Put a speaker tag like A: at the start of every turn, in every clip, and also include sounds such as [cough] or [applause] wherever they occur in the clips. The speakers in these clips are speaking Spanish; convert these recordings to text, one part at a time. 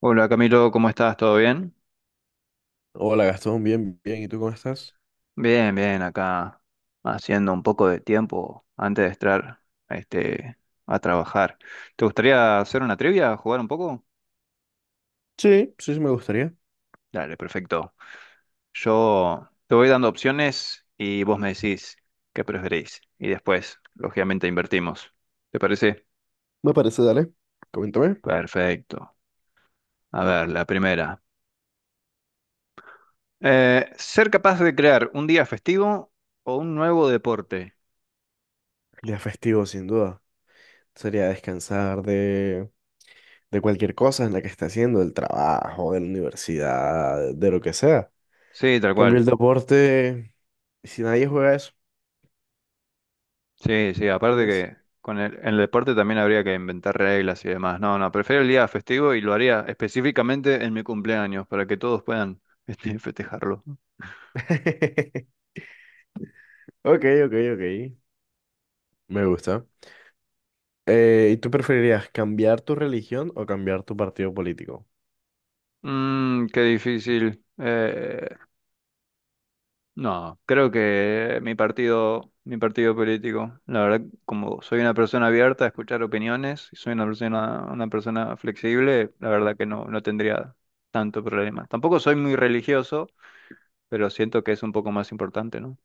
A: Hola Camilo, ¿cómo estás? ¿Todo bien?
B: Hola Gastón, bien, bien. ¿Y tú cómo estás?
A: Bien, bien, acá haciendo un poco de tiempo antes de entrar este, a trabajar. ¿Te gustaría hacer una trivia, jugar un poco?
B: Sí, sí, sí, me gustaría.
A: Dale, perfecto. Yo te voy dando opciones y vos me decís qué preferís. Y después, lógicamente, invertimos. ¿Te parece?
B: Me parece, dale. Coméntame.
A: Perfecto. A ver, la primera. ¿Ser capaz de crear un día festivo o un nuevo deporte?
B: Día festivo, sin duda. Sería descansar de cualquier cosa en la que esté haciendo, del trabajo, de la universidad, de lo que sea.
A: Sí, tal
B: Cambio
A: cual.
B: el deporte si nadie juega eso,
A: Sí, sí, aparte
B: ¿entiendes?
A: que en el deporte también habría que inventar reglas y demás. No, no, prefiero el día festivo y lo haría específicamente en mi cumpleaños para que todos puedan [laughs] festejarlo.
B: [laughs] Ok, ok, ok. Me gusta. ¿Y tú preferirías cambiar tu religión o cambiar tu partido político?
A: Mm, qué difícil. No, creo que mi partido político, la verdad, como soy una persona abierta a escuchar opiniones y soy una persona flexible, la verdad que no, no tendría tanto problema. Tampoco soy muy religioso, pero siento que es un poco más importante, ¿no?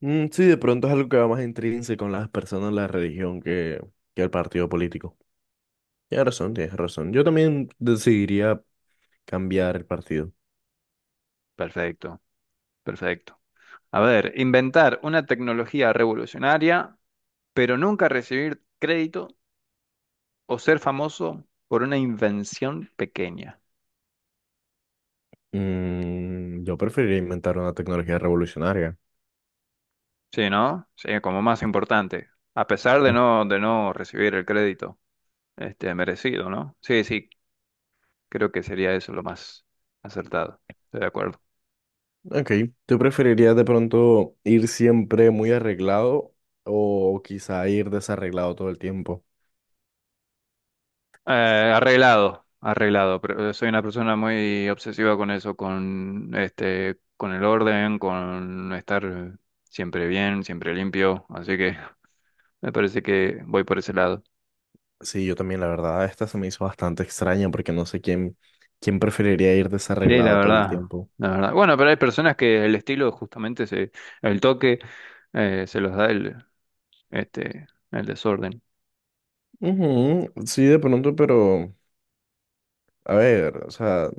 B: Mm, sí, de pronto es algo que va más intrínseco en las personas, la religión, que el partido político. Tienes razón, tienes razón. Yo también decidiría cambiar el partido.
A: Perfecto. Perfecto. A ver, inventar una tecnología revolucionaria, pero nunca recibir crédito o ser famoso por una invención pequeña.
B: Mm, yo preferiría inventar una tecnología revolucionaria.
A: Sí, ¿no? Sí, como más importante. A pesar de
B: Mm,
A: no recibir el crédito, merecido, ¿no? Sí, sí, creo que sería eso lo más acertado. Estoy de acuerdo.
B: ok, ¿tú preferirías de pronto ir siempre muy arreglado o quizá ir desarreglado todo el tiempo?
A: Eh, arreglado, arreglado. Pero soy una persona muy obsesiva con eso, con el orden, con estar siempre bien, siempre limpio. Así que [laughs] me parece que voy por ese lado.
B: Sí, yo también, la verdad, esta se me hizo bastante extraña porque no sé quién preferiría ir
A: Sí, la
B: desarreglado todo el
A: verdad,
B: tiempo.
A: la verdad. Bueno, pero hay personas que el toque se los da este, el desorden.
B: Ujú, sí, de pronto, pero... A ver, o sea,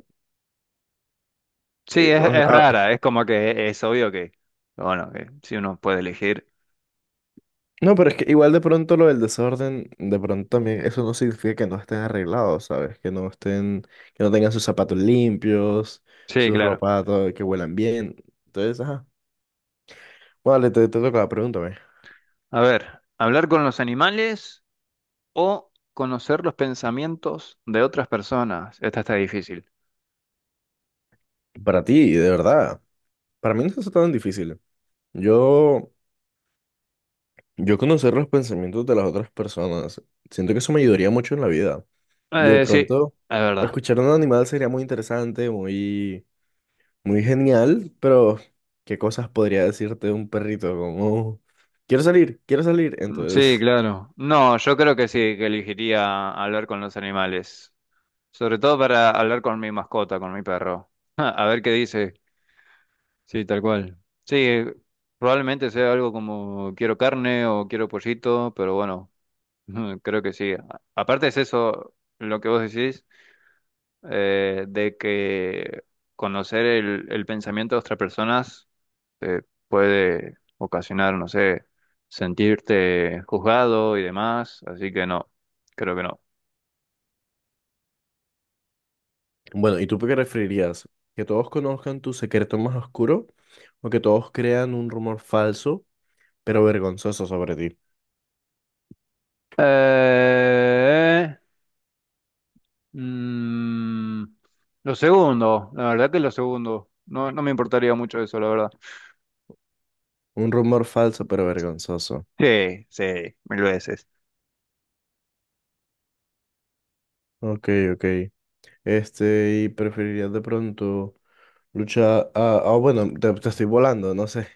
A: Sí,
B: eh, o-
A: es
B: ah,
A: rara. Es como que es obvio que, bueno, que si uno puede elegir.
B: no, pero es que igual de pronto lo del desorden, de pronto también, eso no significa que no estén arreglados, ¿sabes? Que no estén, que no tengan sus zapatos limpios,
A: Sí,
B: su
A: claro.
B: ropa, todo, que huelan bien. Entonces, ajá. Vale, te toca, pregúntame.
A: A ver, hablar con los animales o conocer los pensamientos de otras personas. Esta está difícil.
B: Para ti, de verdad, para mí no es tan difícil. Yo, yo conocer los pensamientos de las otras personas, siento que eso me ayudaría mucho en la vida. De
A: Sí, es
B: pronto,
A: verdad.
B: escuchar a un animal sería muy interesante, muy... Muy genial, pero ¿qué cosas podría decirte de un perrito? Como, quiero salir, quiero salir.
A: Sí,
B: Entonces,
A: claro. No, yo creo que sí, que elegiría hablar con los animales. Sobre todo para hablar con mi mascota, con mi perro. [laughs] A ver qué dice. Sí, tal cual. Sí, probablemente sea algo como quiero carne o quiero pollito, pero bueno, [laughs] creo que sí. Aparte es eso lo que vos decís, de que conocer el pensamiento de otras personas te puede ocasionar, no sé, sentirte juzgado y demás, así que no, creo que no.
B: [laughs] bueno, ¿y tú qué preferirías? ¿Que todos conozcan tu secreto más oscuro o que todos crean un rumor falso, pero vergonzoso sobre ti?
A: Eh, mm, lo segundo, la verdad que lo segundo, no, no me importaría mucho eso, la verdad.
B: Un rumor falso, pero vergonzoso.
A: Sí, sí, mil veces.
B: Ok, ok. Este, ¿y preferirías de pronto luchar? Ah, ah, bueno, te estoy volando, no sé.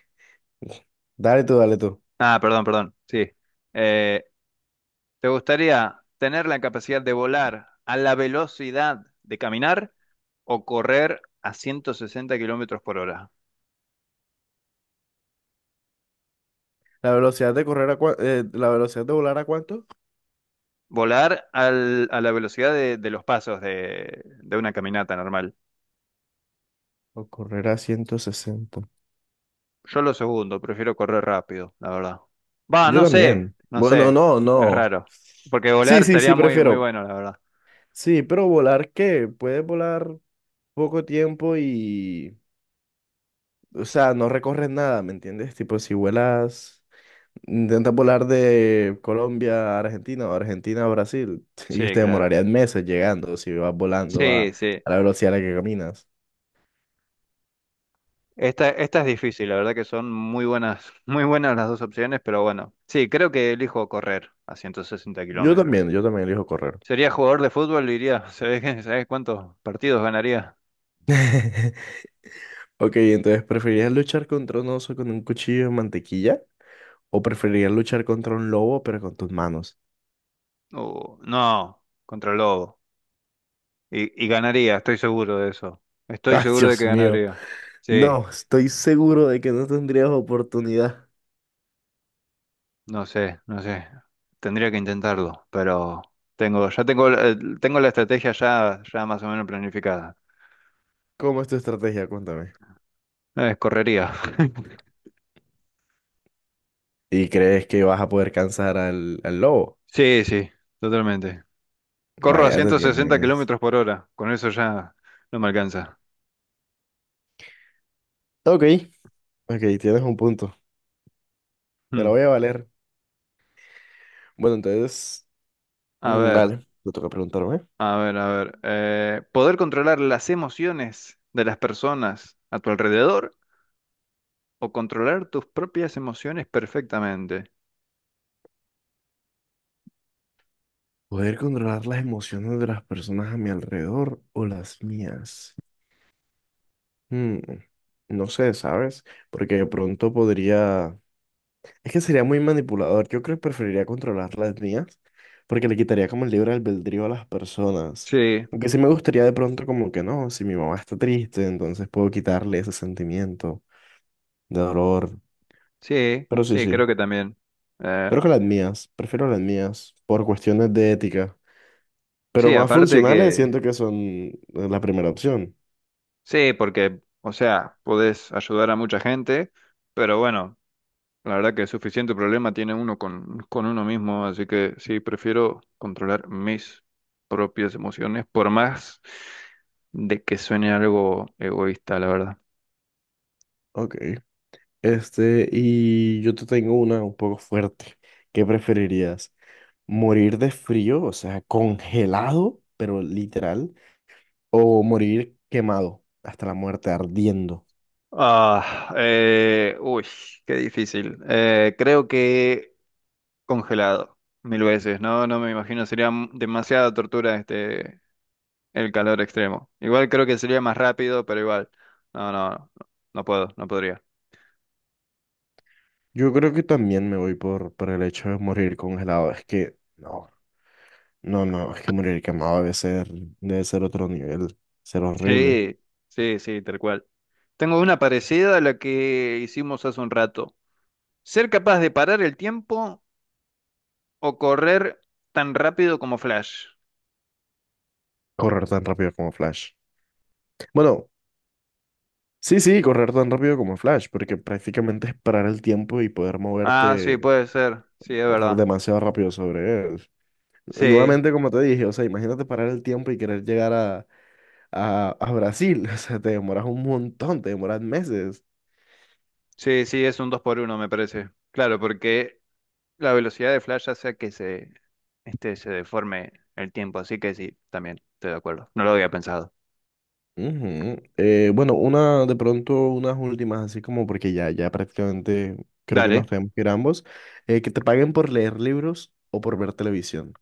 B: [laughs] Dale tú, dale tú.
A: Ah, perdón, perdón, sí. Eh, ¿Te gustaría tener la capacidad de volar a la velocidad de caminar o correr a 160 kilómetros por hora?
B: ¿La velocidad de correr a la velocidad de volar a cuánto?
A: Volar a la velocidad de los pasos de una caminata normal.
B: O correr a 160.
A: Yo lo segundo, prefiero correr rápido, la verdad. Va,
B: Yo
A: no sé,
B: también.
A: no
B: Bueno,
A: sé,
B: no,
A: es
B: no.
A: raro. Porque
B: Sí,
A: volar
B: sí,
A: estaría
B: sí,
A: muy, muy
B: prefiero.
A: bueno, la verdad.
B: Sí, pero volar, ¿qué? Puedes volar poco tiempo y... O sea, no recorres nada, ¿me entiendes? Tipo, si vuelas, intentas volar de Colombia a Argentina o Argentina a Brasil [laughs] y
A: Sí,
B: usted
A: claro.
B: demorarían meses llegando si vas volando
A: Sí, sí.
B: a la velocidad a la que caminas.
A: Esta es difícil, la verdad que son muy buenas, [laughs] muy buenas las dos opciones, pero bueno. Sí, creo que elijo correr a 160 kilómetros.
B: Yo también elijo correr.
A: Sería jugador de fútbol, diría. [laughs] ¿Sabés, sabés cuántos partidos ganaría?
B: [laughs] Ok, entonces, ¿preferirías luchar contra un oso con un cuchillo de mantequilla? ¿O preferirías luchar contra un lobo pero con tus manos?
A: No, contra el Lobo. Y ganaría, estoy seguro de eso.
B: [laughs]
A: Estoy
B: Ay,
A: seguro de que
B: Dios mío.
A: ganaría. Sí,
B: No, estoy seguro de que no tendrías oportunidad.
A: no sé, no sé. Tendría que intentarlo, pero ya tengo, tengo la estrategia ya más o menos planificada.
B: ¿Cómo es tu estrategia? Cuéntame.
A: Correría. [laughs]
B: ¿Y crees que vas a poder cansar al lobo?
A: Sí, sí, totalmente. Corro a
B: Vaya, te
A: 160
B: tienes.
A: kilómetros por hora. Con eso ya no me alcanza.
B: Ok, ok, tienes un punto. Te
A: Hmm.
B: la voy a valer. Bueno, entonces,
A: A
B: mm,
A: ver,
B: dale, te toca preguntarme.
A: a ver. ¿Poder controlar las emociones de las personas a tu alrededor o controlar tus propias emociones perfectamente?
B: ¿Poder controlar las emociones de las personas a mi alrededor o las mías? Mm, no sé, ¿sabes? Porque de pronto podría... Es que sería muy manipulador. Yo creo que preferiría controlar las mías porque le quitaría como el libre albedrío a las personas.
A: Sí,
B: Aunque sí me gustaría de pronto como que no, si mi mamá está triste, entonces puedo quitarle ese sentimiento de dolor.
A: sí,
B: Pero sí,
A: sí, creo
B: sí,
A: que también. Eh,
B: pero que las mías. Prefiero las mías por cuestiones de ética. Pero
A: sí,
B: más
A: aparte
B: funcionales
A: que,
B: siento que son la primera opción.
A: sí, porque, o sea, podés ayudar a mucha gente, pero bueno, la verdad que suficiente problema tiene uno con uno mismo, así que sí, prefiero controlar mis propias emociones, por más de que suene algo egoísta, la verdad.
B: Ok. Este, y yo te tengo una un poco fuerte. ¿Qué preferirías? Morir de frío, o sea, congelado, pero literal, o morir quemado hasta la muerte, ardiendo.
A: Ah, eh, uy, qué difícil. Creo que congelado, mil veces, ¿no? No me imagino, sería demasiada tortura el calor extremo. Igual creo que sería más rápido, pero igual. No, no, no, no puedo, no podría.
B: Yo creo que también me voy por el hecho de morir congelado. Es que, no, no, no, es que morir quemado debe ser otro nivel, ser horrible.
A: Sí, sí, sí, tal cual. Tengo una parecida a la que hicimos hace un rato. Ser capaz de parar el tiempo o correr tan rápido como Flash.
B: Correr tan rápido como Flash. Bueno, sí, sí, correr tan rápido como Flash, porque prácticamente es parar el tiempo y poder
A: Ah, sí,
B: moverte
A: puede ser. Sí, es verdad.
B: demasiado rápido sobre él.
A: Sí,
B: Nuevamente, como te dije, o sea, imagínate parar el tiempo y querer llegar a Brasil. [laughs] O sea, te demoras un montón, te demoras meses.
A: sí, sí, es un 2 por uno me parece. Claro, porque la velocidad de Flash hace que se deforme el tiempo. Así que sí, también estoy de acuerdo. No lo había pensado.
B: Ujú. Bueno, una de pronto, unas últimas, así como porque ya, ya prácticamente creo que nos
A: Dale.
B: tenemos que ir ambos, que te paguen por leer libros o por ver televisión.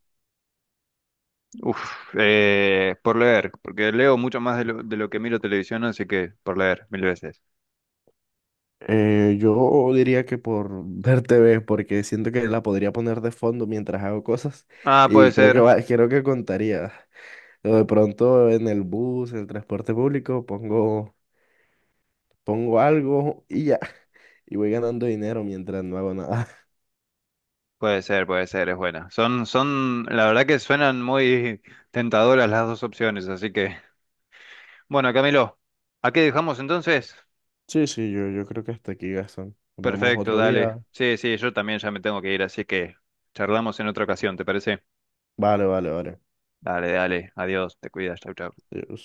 A: Uf, por leer, porque leo mucho más de lo que miro televisión, así que por leer mil veces.
B: Yo diría que por [laughs] ver TV, porque siento que la podría poner de fondo mientras hago cosas
A: Ah,
B: y creo que va, creo que contaría. O de pronto en el bus, en el transporte público, pongo algo y ya. Y voy ganando dinero mientras no hago nada. [laughs]
A: puede ser, es buena. Son, son, la verdad que suenan muy tentadoras las dos opciones, así que. Bueno, Camilo, ¿a qué dejamos entonces?
B: Sí, sí, yo creo que hasta aquí, Gastón. Nos vemos
A: Perfecto,
B: otro
A: dale.
B: día.
A: Sí, sí, yo también ya me tengo que ir, así que charlamos en otra ocasión, ¿te parece?
B: Vale, vale, vale.
A: Dale, dale, adiós, te cuidas, chau, chau.
B: Adiós.